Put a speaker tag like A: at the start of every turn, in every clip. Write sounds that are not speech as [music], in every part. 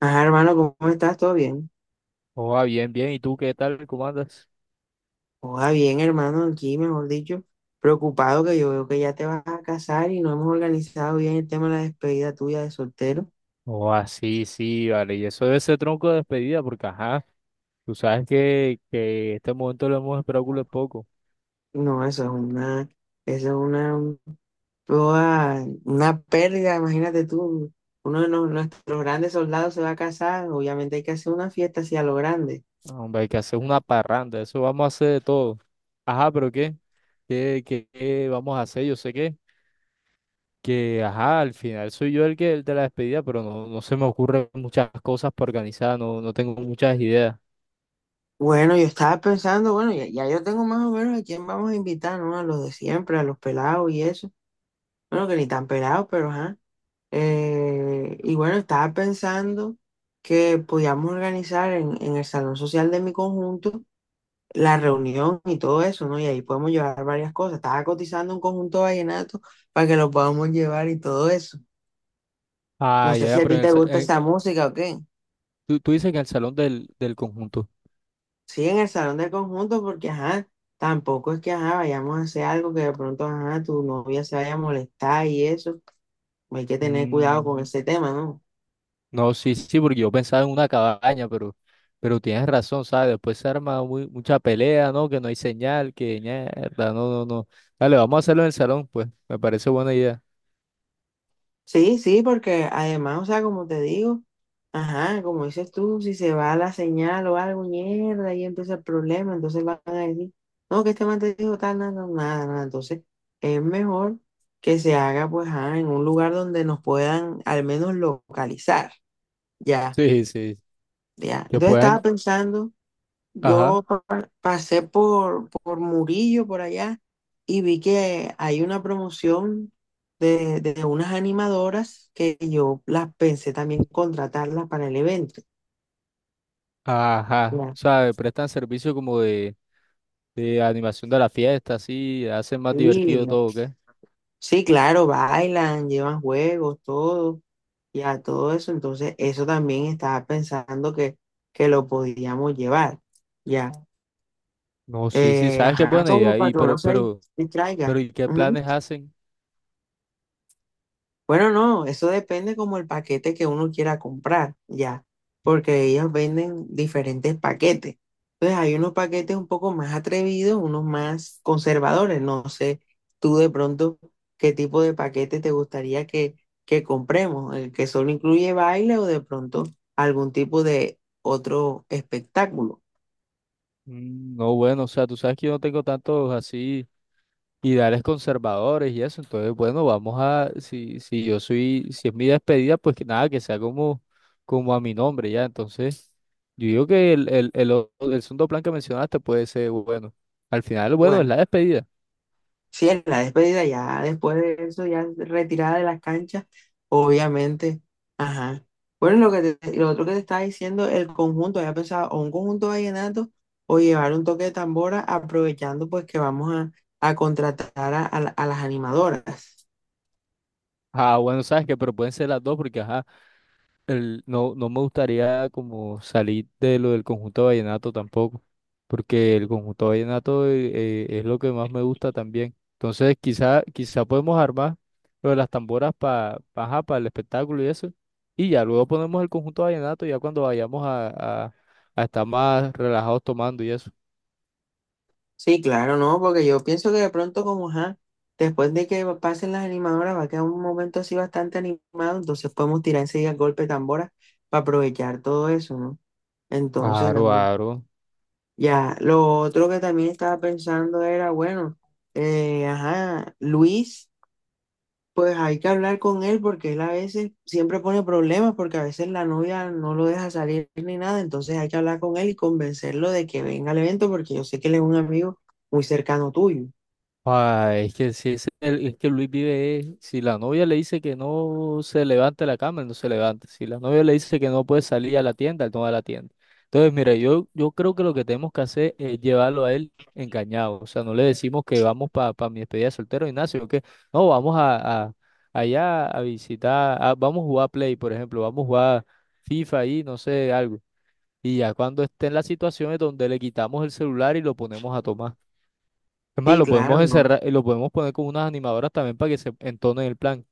A: Ajá, hermano, ¿cómo estás? ¿Todo bien?
B: Joa, bien, bien. ¿Y tú qué tal? ¿Cómo andas?
A: Joda bien, hermano, aquí, mejor dicho, preocupado que yo veo que ya te vas a casar y no hemos organizado bien el tema de la despedida tuya de soltero.
B: Joa, sí, sí, vale. Y eso debe ser tronco de despedida, porque ajá, tú sabes que este momento lo hemos esperado culo de poco.
A: No, eso es una pérdida, imagínate tú, uno de nuestros grandes soldados se va a casar, obviamente hay que hacer una fiesta así a lo grande.
B: Ah, hombre, hay que hacer una parranda, eso vamos a hacer de todo. Ajá, pero ¿qué? ¿Qué vamos a hacer? Yo sé que, ajá, al final soy yo el de la despedida, pero no se me ocurren muchas cosas para organizar, no tengo muchas ideas.
A: Bueno, yo estaba pensando, bueno, ya yo tengo más o menos a quién vamos a invitar, ¿no? A los de siempre, a los pelados y eso. Bueno, que ni tan pelados, pero ajá. Y bueno, estaba pensando que podíamos organizar en el salón social de mi conjunto la reunión y todo eso, ¿no? Y ahí podemos llevar varias cosas. Estaba cotizando un conjunto vallenato para que lo podamos llevar y todo eso. No
B: Ah,
A: sé
B: ya,
A: si
B: ya,
A: a
B: pero
A: ti
B: en el
A: te
B: sa-
A: gusta
B: en-
A: esa música o qué.
B: tú dices que en el salón del conjunto.
A: Sí, en el salón del conjunto, porque ajá, tampoco es que ajá, vayamos a hacer algo que de pronto ajá, tu novia se vaya a molestar y eso. Hay que tener cuidado
B: Mm.
A: con ese tema, ¿no?
B: No, sí, sí, porque yo pensaba en una cabaña, pero tienes razón, ¿sabes? Después se arma mucha pelea, ¿no? Que no hay señal, que mierda, no, no, no. Dale, vamos a hacerlo en el salón, pues, me parece buena idea.
A: Sí, sí, porque además, o sea, como te digo, ajá, como dices tú, si se va la señal o algo, mierda, ahí empieza el problema, entonces van a decir, no, que este man te dijo tal, nada, nada, nada, nada". Entonces es mejor que se haga, pues, ajá, en un lugar donde nos puedan al menos localizar, ya,
B: Sí, sí,
A: ya.
B: que
A: Entonces estaba
B: puedan,
A: pensando
B: ajá,
A: yo pasé por Murillo, por allá, y vi que hay una promoción de unas animadoras que yo las pensé también contratarlas para el evento.
B: ajá,
A: Ya.
B: ¿sabes? Prestan servicio como de animación de la fiesta, así, hacen más divertido
A: Y-
B: todo, ¿qué?
A: Sí, claro, bailan, llevan juegos, todo, ya todo eso. Entonces, eso también estaba pensando que lo podíamos llevar, ya.
B: No, sí, sí,
A: Eh,
B: sabes qué
A: ajá,
B: buena
A: como
B: idea,
A: para
B: y
A: que uno
B: pero,
A: se
B: pero, pero,
A: distraiga.
B: ¿y qué planes hacen?
A: Bueno, no, eso depende como el paquete que uno quiera comprar, ya, porque ellos venden diferentes paquetes. Entonces hay unos paquetes un poco más atrevidos, unos más conservadores. No sé, tú de pronto, qué tipo de paquete te gustaría que compremos, el que solo incluye baile o de pronto algún tipo de otro espectáculo.
B: Mm, no, bueno, o sea, tú sabes que yo no tengo tantos así ideales conservadores y eso. Entonces, bueno, vamos a, si yo soy, si es mi despedida, pues que nada, que sea como, como a mi nombre, ya. Entonces, yo digo que el segundo plan que mencionaste puede ser bueno. Al final, bueno, es
A: Bueno.
B: la despedida.
A: Sí, en la despedida, ya después de eso, ya retirada de las canchas, obviamente. Ajá. Bueno, lo que lo otro que te estaba diciendo, el conjunto, había pensado o un conjunto vallenato o llevar un toque de tambora, aprovechando pues que vamos a contratar a las animadoras.
B: Ah, bueno, sabes que, pero pueden ser las dos porque, ajá. No, no me gustaría como salir de lo del conjunto vallenato tampoco, porque el conjunto vallenato es lo que más me gusta también. Entonces, quizá podemos armar lo de las tamboras para el espectáculo y eso, y ya luego ponemos el conjunto vallenato ya cuando vayamos a estar más relajados tomando y eso.
A: Sí, claro, no, porque yo pienso que de pronto, como ajá, después de que pasen las animadoras, va a quedar un momento así bastante animado, entonces podemos tirar enseguida el golpe de tambora para aprovechar todo eso, ¿no? Entonces,
B: Aro,
A: ajá.
B: aro.
A: Ya, lo otro que también estaba pensando era, bueno, ajá, Luis, pues hay que hablar con él porque él a veces siempre pone problemas porque a veces la novia no lo deja salir ni nada, entonces hay que hablar con él y convencerlo de que venga al evento porque yo sé que él es un amigo muy cercano tuyo.
B: Ay, es que si es, el- es que Luis vive, si la novia le dice que no se levante de la cama, él no se levanta. Si la novia le dice que no puede salir a la tienda, él no va a la tienda. Entonces, mira, yo creo que lo que tenemos que hacer es llevarlo a él engañado. O sea, no le decimos que vamos para mi despedida de soltero, Ignacio, que no, allá a visitar, vamos a jugar Play, por ejemplo, vamos a jugar FIFA ahí, no sé, algo. Y ya cuando esté en las situaciones donde le quitamos el celular y lo ponemos a tomar. Es más,
A: Sí,
B: lo
A: claro,
B: podemos
A: no.
B: encerrar, lo podemos poner con unas animadoras también para que se entonen el plan.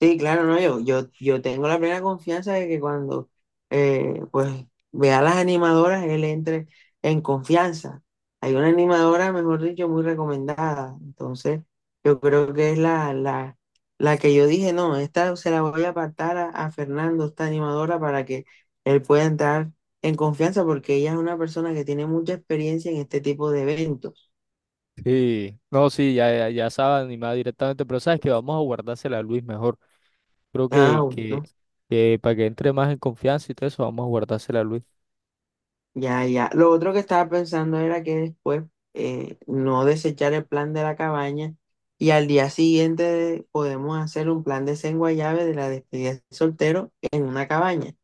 A: Sí, claro, no, yo tengo la plena confianza de que cuando pues vea a las animadoras, él entre en confianza. Hay una animadora, mejor dicho, muy recomendada. Entonces, yo creo que es la que yo dije, no, esta se la voy a apartar a Fernando, esta animadora, para que él pueda entrar en confianza, porque ella es una persona que tiene mucha experiencia en este tipo de eventos.
B: Sí, no, sí, ya, ya, ya sabe animar directamente, pero sabes que vamos a guardársela a Luis mejor. Creo
A: Ah, bueno.
B: que para que entre más en confianza y todo eso, vamos a guardársela a Luis.
A: Ya, ya. Lo otro que estaba pensando era que después no desechar el plan de la cabaña y al día siguiente podemos hacer un plan de llave de la despedida de soltero en una cabaña.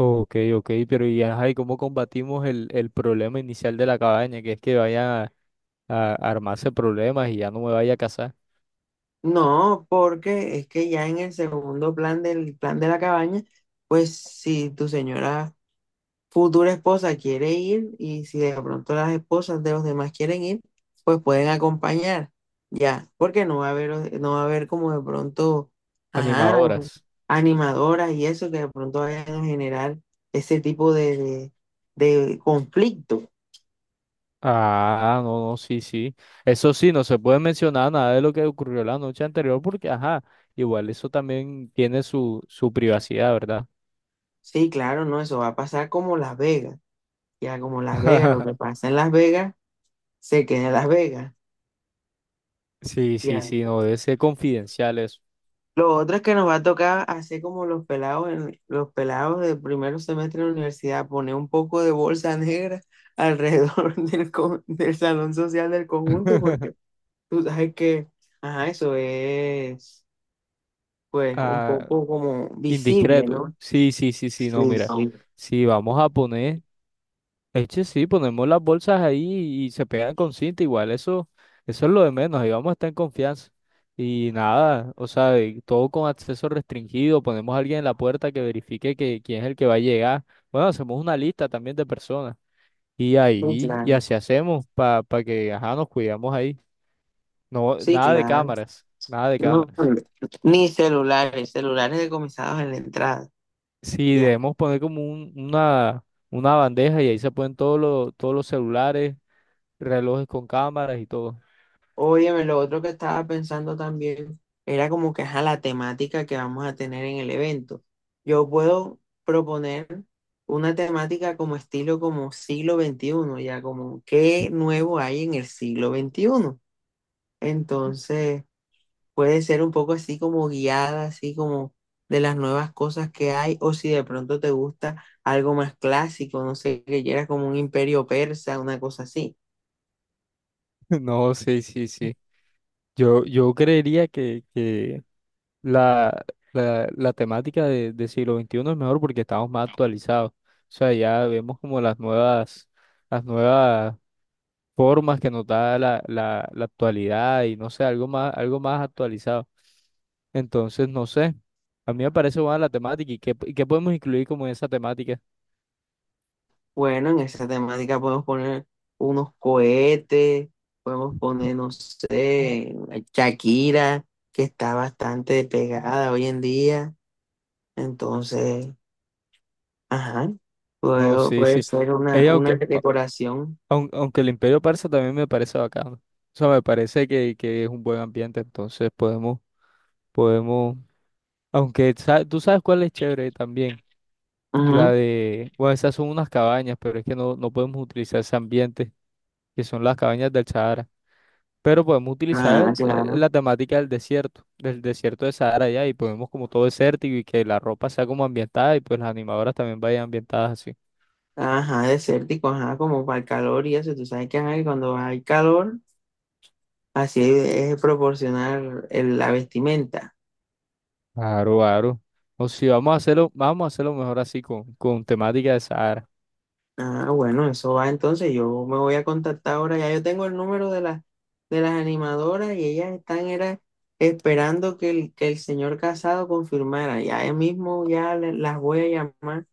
B: Ok, ok, pero y ajá, ¿y cómo combatimos el problema inicial de la cabaña? Que es que vayan a armarse problemas y ya no me vaya a casar.
A: No, porque es que ya en el segundo plan del plan de la cabaña, pues si tu señora futura esposa quiere ir y si de pronto las esposas de los demás quieren ir, pues pueden acompañar, ya, porque no va a haber como de pronto, ajá,
B: Animadoras.
A: animadoras y eso que de pronto vayan a generar ese tipo de conflicto.
B: Ah, no, no, sí, sí. Eso sí, no se puede mencionar nada de lo que ocurrió la noche anterior porque, ajá, igual eso también tiene su privacidad, ¿verdad?
A: Sí, claro, no, eso va a pasar como Las Vegas, ya como Las Vegas, lo que
B: [laughs]
A: pasa en Las Vegas, se queda en Las Vegas,
B: Sí, sí,
A: ya.
B: sí, no debe ser confidencial eso.
A: Lo otro es que nos va a tocar hacer como los pelados, los pelados del primer semestre de la universidad, poner un poco de bolsa negra alrededor [laughs] del, del salón social del conjunto, porque
B: [laughs]
A: tú sabes que, ajá, eso es, pues, un
B: Ah,
A: poco como visible,
B: indiscreto.
A: ¿no?
B: Sí, sí, sí, sí, no,
A: Sí,
B: mira.
A: sí,
B: Sí, vamos a poner. Eche, sí, ponemos las bolsas ahí y se pegan con cinta, igual, eso es lo de menos, ahí vamos a estar en confianza. Y nada, o sea, y todo con acceso restringido, ponemos a alguien en la puerta que verifique que, quién es el que va a llegar. Bueno, hacemos una lista también de personas. Y
A: sí,
B: ahí, y
A: claro.
B: así hacemos para que, ajá, nos cuidamos ahí. No,
A: Sí,
B: nada de
A: claro.
B: cámaras, nada de
A: No,
B: cámaras.
A: ni celulares, celulares decomisados en la entrada.
B: Sí,
A: Ya.
B: debemos poner como una bandeja y ahí se ponen todos los celulares, relojes con cámaras y todo.
A: Óyeme, lo otro que estaba pensando también era como que ajá, la temática que vamos a tener en el evento. Yo puedo proponer una temática como estilo como siglo XXI, ya como qué nuevo hay en el siglo XXI. Entonces, puede ser un poco así como guiada, así como de las nuevas cosas que hay, o si de pronto te gusta algo más clásico, no sé, que ya era como un imperio persa, una cosa así.
B: No, sí, sí, sí. Yo creería que la, la temática de siglo XXI es mejor porque estamos más actualizados. O sea, ya vemos como las nuevas formas que nos da la actualidad y no sé, algo más actualizado. Entonces, no sé. A mí me parece buena la temática y y qué podemos incluir como en esa temática.
A: Bueno, en esa temática podemos poner unos cohetes, podemos poner, no sé, Shakira, que está bastante pegada hoy en día. Entonces, ajá,
B: No, sí,
A: puede
B: sí.
A: ser
B: Ella,
A: una decoración.
B: Aunque el Imperio Persa también me parece bacano. O sea, me parece que es un buen ambiente, entonces podemos, tú sabes cuál es chévere también, la
A: Ujú.
B: de, bueno, esas son unas cabañas, pero es que no, no podemos utilizar ese ambiente, que son las cabañas del Sahara, pero podemos
A: Ah,
B: utilizar
A: claro.
B: la temática del desierto de Sahara ya, y podemos como todo desértico y que la ropa sea como ambientada y pues las animadoras también vayan ambientadas así.
A: Ajá, desértico, ajá, como para el calor y eso. Tú sabes que ajá, que cuando hay calor, así es proporcionar la vestimenta.
B: Claro, claro. O si vamos a hacerlo, vamos a hacerlo mejor así con temática de Sahara.
A: Ah, bueno, eso va entonces. Yo me voy a contactar ahora. Ya yo tengo el número de las animadoras y ellas están era, esperando que el señor Casado confirmara. Ya él mismo ya las voy a llamar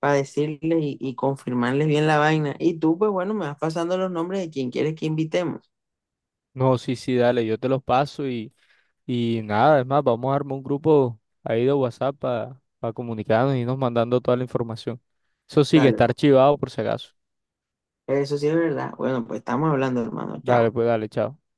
A: para decirles y confirmarles bien la vaina. Y tú, pues bueno, me vas pasando los nombres de quien quieres que invitemos.
B: No, sí, sí, dale, yo te los paso y nada, es más, vamos a armar un grupo ahí de WhatsApp para comunicarnos y irnos mandando toda la información. Eso sí que
A: Dale,
B: está
A: pues.
B: archivado por si acaso.
A: Eso sí es verdad. Bueno, pues estamos hablando, hermano.
B: Dale,
A: Chao.
B: pues dale, chao.